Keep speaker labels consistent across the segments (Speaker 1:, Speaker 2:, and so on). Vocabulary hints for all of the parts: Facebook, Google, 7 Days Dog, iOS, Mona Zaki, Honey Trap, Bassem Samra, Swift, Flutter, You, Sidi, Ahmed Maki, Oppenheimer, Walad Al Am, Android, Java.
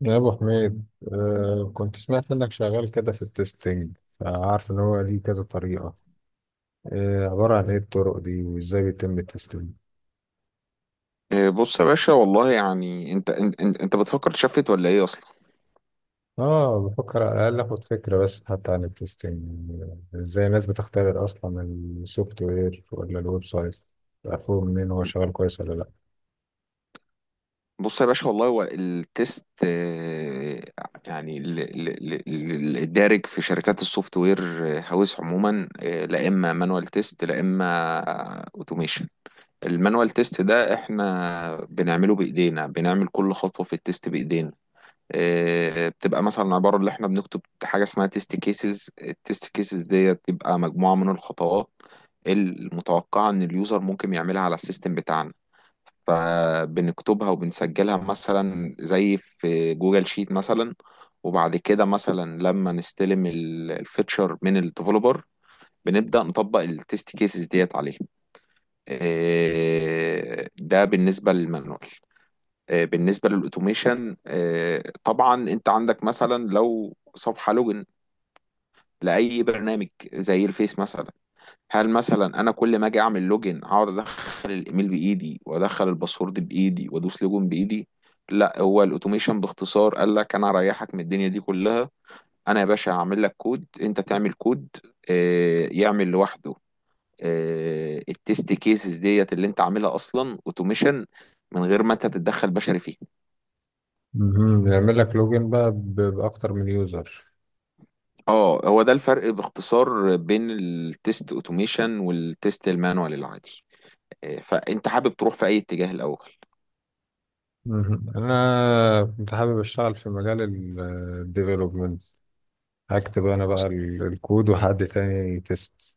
Speaker 1: يا ابو حميد. كنت سمعت انك شغال كده في التستنج، فعارف ان هو ليه كذا طريقه. عباره عن ايه الطرق دي وازاي بيتم التستنج؟
Speaker 2: إيه، بص يا باشا والله يعني انت بتفكر تشفت ولا ايه اصلا؟
Speaker 1: اه بفكر على الاقل اخد فكره بس حتى عن التستنج. ازاي الناس بتختبر اصلا السوفت وير ولا الويب سايت، عارفه منين هو شغال كويس ولا لا.
Speaker 2: بص يا باشا والله هو التيست. يعني الدارج في شركات السوفت وير هاوس عموما، لا اما مانوال تيست لا اما اوتوميشن. المانوال تيست ده احنا بنعمله بايدينا، بنعمل كل خطوة في التيست بايدينا. بتبقى مثلا عبارة اللي احنا بنكتب حاجة اسمها تيست كيسز. التيست كيسز دي بتبقى مجموعة من الخطوات المتوقعة ان اليوزر ممكن يعملها على السيستم بتاعنا، فبنكتبها وبنسجلها مثلا زي في جوجل شيت مثلا. وبعد كده مثلا لما نستلم الفيتشر من الديفلوبر بنبدأ نطبق التيست كيسز ديت عليه. ده بالنسبة للمانوال. بالنسبة للأوتوميشن، طبعا أنت عندك مثلا لو صفحة لوجن لأي برنامج زي الفيس مثلا، هل مثلا أنا كل ما أجي أعمل لوجن أقعد أدخل الإيميل بإيدي وأدخل الباسورد بإيدي وأدوس لوجن بإيدي؟ لا، هو الأوتوميشن باختصار قال لك أنا هريحك من الدنيا دي كلها. أنا يا باشا هعمل لك كود، أنت تعمل كود، يعمل لوحده. التست كيسز ديت اللي أنت عاملها أصلا أوتوميشن من غير ما أنت تتدخل بشري فيه.
Speaker 1: مهم. بيعمل لك لوجن بقى باكتر من يوزر.
Speaker 2: اه، هو ده الفرق باختصار بين التيست اوتوميشن والتيست المانوال العادي. فانت حابب تروح في اي اتجاه الاول؟
Speaker 1: مهم. انا كنت حابب اشتغل في مجال الديفلوبمنت، هكتب انا بقى
Speaker 2: اصلا
Speaker 1: الكود وحد تاني تيست.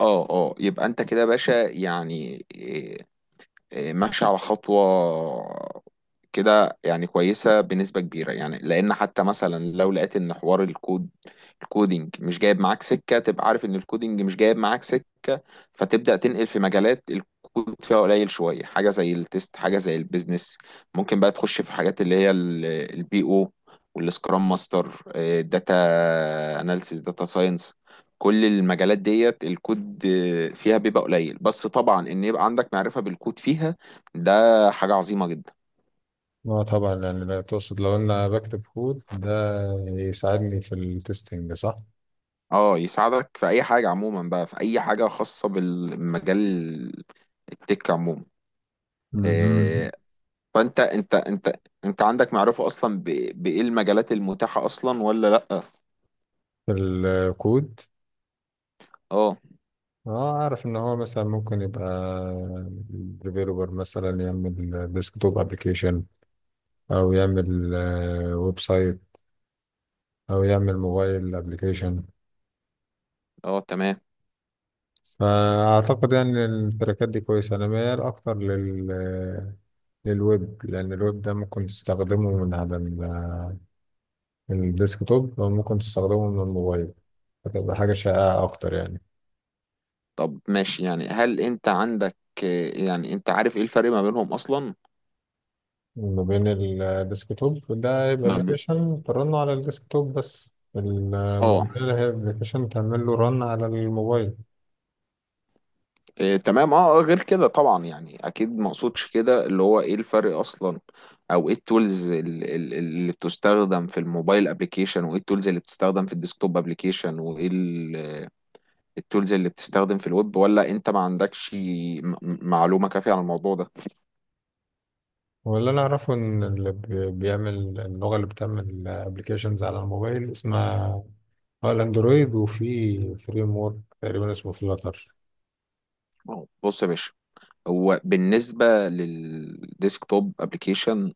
Speaker 2: اه اه، يبقى انت كده يا باشا يعني، إيه، ماشي على خطوة كده، يعني كويسة بنسبة كبيرة يعني. لأن حتى مثلا لو لقيت إن حوار الكود الكودينج مش جايب معاك سكة تبقى عارف إن الكودينج مش جايب معاك سكة، فتبدأ تنقل في مجالات الكود فيها قليل شوية، حاجة زي التست، حاجة زي البيزنس. ممكن بقى تخش في حاجات اللي هي البي أو والسكرام ماستر، داتا اناليسيس، داتا ساينس. كل المجالات ديت الكود فيها بيبقى قليل، بس طبعا ان يبقى عندك معرفة بالكود فيها ده حاجة عظيمة جدا.
Speaker 1: اه طبعا، يعني لا تقصد لو انا بكتب كود ده يساعدني في التستنج، صح؟
Speaker 2: اه، يساعدك في اي حاجة عموما بقى، في اي حاجة خاصة بالمجال التك عموما.
Speaker 1: مهم.
Speaker 2: آه، فانت انت انت انت عندك معرفة اصلا بايه المجالات المتاحة اصلا ولا لا؟
Speaker 1: في الكود؟
Speaker 2: اه
Speaker 1: اه، اعرف ان هو مثلا ممكن يبقى ديفيلوبر مثلا يعمل ديسكتوب ابلكيشن، او يعمل ويب سايت، او يعمل موبايل ابلكيشن.
Speaker 2: اه تمام.
Speaker 1: فأعتقد يعني التراكات دي كويسة. أنا ميال أكتر للويب، لأن الويب ده ممكن تستخدمه من على الديسكتوب أو ممكن تستخدمه من الموبايل، فتبقى حاجة شائعة أكتر يعني.
Speaker 2: طب ماشي يعني، هل انت عندك، يعني انت عارف ايه الفرق ما بينهم اصلا؟
Speaker 1: ما بين الديسكتوب ده يبقى
Speaker 2: ما ب...
Speaker 1: أبلكيشن ترن على الديسكتوب بس،
Speaker 2: اه
Speaker 1: الموبايل هي أبلكيشن تعمل له رن على الموبايل.
Speaker 2: إيه تمام اه، غير كده طبعا، يعني اكيد ما اقصدش كده اللي هو ايه الفرق اصلا، او ايه التولز اللي بتستخدم في الموبايل ابلكيشن وايه التولز اللي بتستخدم في الديسكتوب ابلكيشن وايه التولز اللي بتستخدم في الويب، ولا انت ما عندكش معلومة كافية عن الموضوع ده؟
Speaker 1: واللي أنا أعرفه إن اللي بيعمل اللغة اللي بتعمل أبلكيشنز على الموبايل اسمها اه الاندرويد، وفي فريم ورك تقريبا اسمه فلاتر.
Speaker 2: أهو، بص يا باشا، هو بالنسبة للديسكتوب ابلكيشن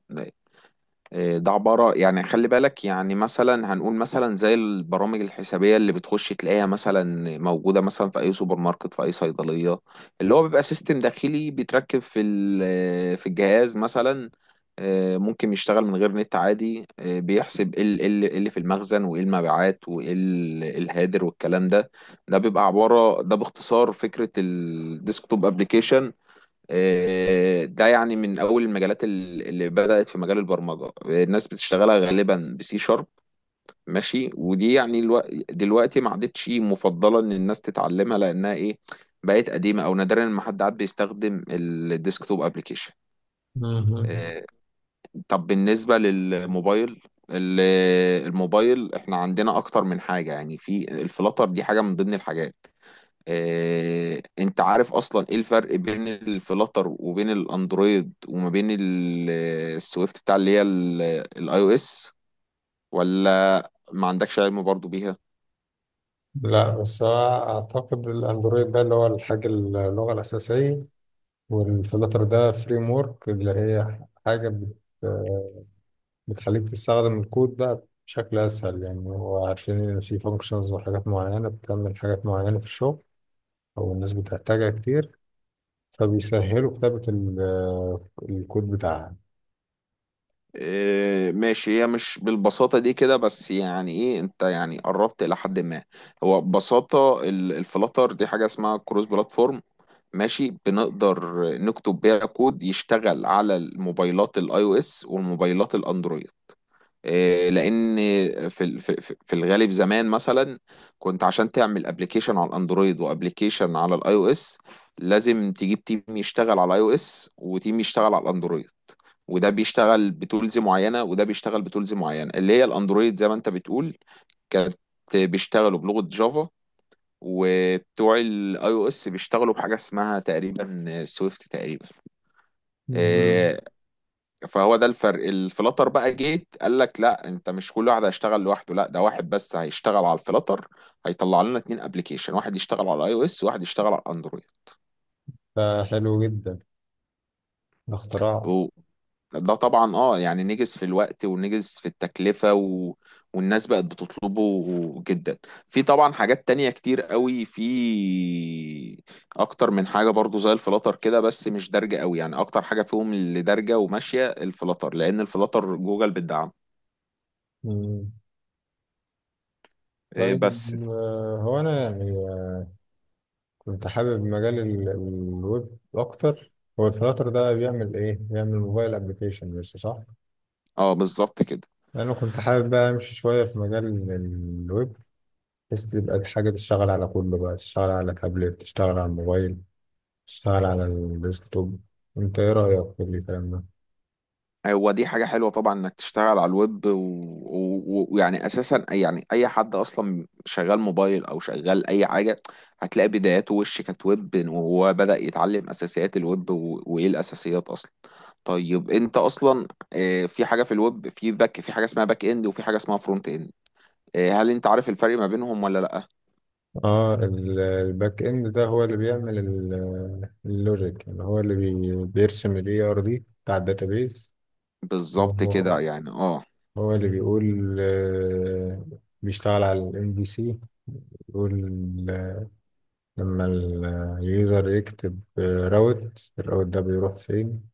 Speaker 2: إيه، ده عبارة يعني خلي بالك يعني مثلا هنقول مثلا زي البرامج الحسابية اللي بتخش تلاقيها مثلا موجودة مثلا في أي سوبر ماركت في أي صيدلية، اللي هو بيبقى سيستم داخلي بيتركب في في الجهاز مثلا. ممكن يشتغل من غير نت عادي. بيحسب ايه ال- إيه اللي إيه اللي في المخزن وايه المبيعات وايه ال- إيه الهادر والكلام ده. ده بيبقى عبارة ده باختصار فكرة الديسكتوب ابلكيشن. ده يعني من اول المجالات اللي بدأت في مجال البرمجة الناس بتشتغلها غالبا بسي شارب. ماشي، ودي يعني دلوقتي ما عادتش مفضلة ان الناس تتعلمها، لانها ايه، بقت قديمة، او نادرا ما حد عاد بيستخدم الديسكتوب ابلكيشن.
Speaker 1: مهم.
Speaker 2: آه، طب بالنسبة للموبايل، ال- الموبايل احنا عندنا اكتر من حاجة يعني، في الفلاتر دي حاجة من ضمن الحاجات. انت عارف اصلا ايه الفرق بين الفلاتر وبين الاندرويد وما بين السويفت بتاع اللي هي الاي او اس، ولا ما عندكش علم برضو بيها؟
Speaker 1: لا بس هو اعتقد الاندرويد ده اللي هو الحاجه اللغه الاساسيه، والفلاتر ده فريم ورك اللي هي حاجه بتخليك تستخدم الكود بقى بشكل اسهل. يعني هو عارفين ان في فانكشنز وحاجات معينه بتعمل حاجات معينه في الشغل او الناس بتحتاجها كتير، فبيسهلوا كتابه الكود بتاعها.
Speaker 2: ماشي، هي مش بالبساطة دي كده، بس يعني ايه انت يعني قربت الى حد ما. هو ببساطة الفلاتر دي حاجة اسمها كروس بلاتفورم، ماشي، بنقدر نكتب بيها كود يشتغل على الموبايلات الاي او اس والموبايلات الاندرويد إيه، لان في ال- في في في الغالب زمان مثلا كنت عشان تعمل ابلكيشن على الاندرويد وابلكيشن على الاي او اس لازم تجيب تيم يشتغل على الاي او اس وتيم يشتغل على الاندرويد، وده بيشتغل بتولز معينه وده بيشتغل بتولز معينه، اللي هي الاندرويد زي ما انت بتقول كانت بيشتغلوا بلغه جافا، وبتوع الاي او اس بيشتغلوا بحاجه اسمها تقريبا سويفت تقريبا.
Speaker 1: مهم.
Speaker 2: آه، فهو ده الفرق، الفلاتر بقى جيت قال لك لا انت مش كل واحد هيشتغل لوحده، لا ده واحد بس هيشتغل على الفلاتر هيطلع لنا اتنين ابلكيشن، واحد يشتغل على اي او اس وواحد يشتغل على اندرويد.
Speaker 1: فحلو جدا الاختراع.
Speaker 2: أوه. ده طبعا اه يعني نجز في الوقت ونجز في التكلفة والناس بقت بتطلبه جدا. في طبعا حاجات تانية كتير قوي، في اكتر من حاجة برضو زي الفلاتر كده بس مش دارجة قوي يعني، اكتر حاجة فيهم اللي دارجة وماشية الفلاتر لان الفلاتر جوجل بتدعم.
Speaker 1: مم.
Speaker 2: إيه
Speaker 1: طيب.
Speaker 2: بس
Speaker 1: هو أنا يعني كنت حابب مجال الويب أكتر. هو الفلاتر ده بيعمل إيه؟ بيعمل موبايل أبليكيشن بس، صح؟
Speaker 2: اه، بالظبط كده.
Speaker 1: أنا كنت حابب بقى أمشي شوية في مجال الويب، بحيث تبقى حاجة تشتغل على كله، بقى تشتغل على تابلت، تشتغل على الموبايل، تشتغل على الديسكتوب. أنت إيه رأيك في الكلام ده؟
Speaker 2: هو دي حاجة حلوة طبعا انك تشتغل على الويب ويعني ويعني اساسا يعني اي حد اصلا شغال موبايل او شغال اي حاجة هتلاقي بداياته وش كانت ويب وهو بدأ يتعلم اساسيات الويب، وايه الاساسيات اصلا. طيب انت اصلا، في حاجة في الويب في حاجة اسمها باك اند وفي حاجة اسمها فرونت اند. هل انت عارف الفرق ما بينهم ولا لا؟
Speaker 1: اه الباك اند ده هو اللي بيعمل اللوجيك. يعني هو اللي بيرسم الاي ار دي بتاع الداتابيز.
Speaker 2: بالظبط كده يعني اه،
Speaker 1: هو اللي بيقول بيشتغل على الام بي سي، بيقول آه، لما اليوزر يكتب راوت، الراوت ده بيروح فين.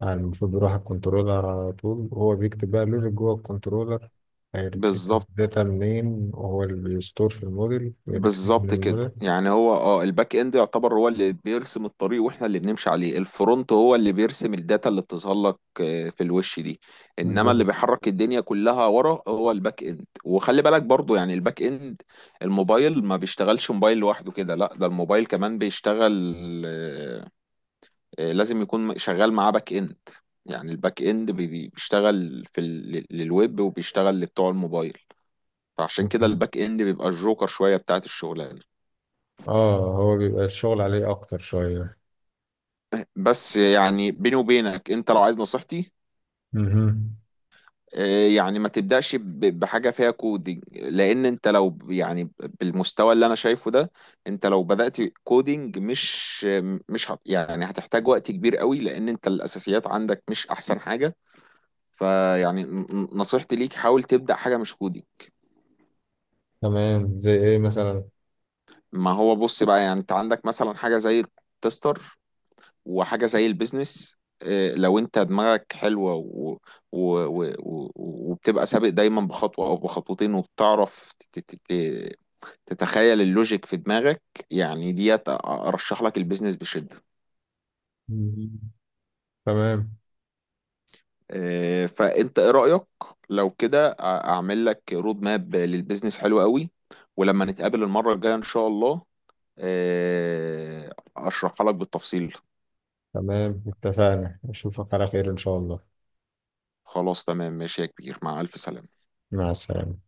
Speaker 1: يعني المفروض بيروح على الكنترولر على طول، وهو بيكتب بقى لوجيك جوه الكنترولر، هيرتريف
Speaker 2: بالظبط.
Speaker 1: الداتا منين، وهو اللي بيستور في الموديل ويرتريف من
Speaker 2: بالظبط كده
Speaker 1: الموديل.
Speaker 2: يعني هو اه الباك اند يعتبر هو اللي بيرسم الطريق واحنا اللي بنمشي عليه، الفرونت هو اللي بيرسم الداتا اللي بتظهر لك، في الوش دي، انما اللي
Speaker 1: بالظبط.
Speaker 2: بيحرك الدنيا كلها ورا هو الباك اند. وخلي بالك برضو يعني الباك اند، الموبايل ما بيشتغلش موبايل لوحده كده، لا ده الموبايل كمان بيشتغل، لازم يكون شغال معاه باك اند. يعني الباك اند بيشتغل في للويب وبيشتغل لبتوع الموبايل، فعشان كده الباك اند بيبقى الجوكر شوية بتاعت الشغلانة.
Speaker 1: اه هو بيبقى الشغل عليه اكتر شوية.
Speaker 2: بس يعني بيني وبينك انت لو عايز نصيحتي،
Speaker 1: مهم.
Speaker 2: اه، يعني ما تبدأش بحاجة فيها كودينج، لأن انت يعني بالمستوى اللي أنا شايفه ده انت لو بدأت كودينج مش يعني هتحتاج وقت كبير قوي، لأن انت الأساسيات عندك مش أحسن حاجة. فيعني نصيحتي ليك حاول تبدأ حاجة مش كودينج.
Speaker 1: تمام، زي ايه مثلا؟
Speaker 2: ما هو بص بقى يعني انت عندك مثلا حاجة زي التستر وحاجة زي البيزنس. لو انت دماغك حلوة و... و... و... وبتبقى سابق دايما بخطوة او بخطوتين، وبتعرف تتخيل اللوجيك في دماغك. يعني ديت ارشح لك البيزنس بشدة.
Speaker 1: مهم. تمام.
Speaker 2: فانت ايه رأيك، لو كده اعمل لك رود ماب للبيزنس حلو قوي، ولما نتقابل المرة الجاية ان شاء الله اشرحها لك بالتفصيل.
Speaker 1: تمام اتفقنا، اشوفك على خير ان شاء الله.
Speaker 2: خلاص تمام ماشي يا كبير، مع الف سلامة.
Speaker 1: مع السلامة.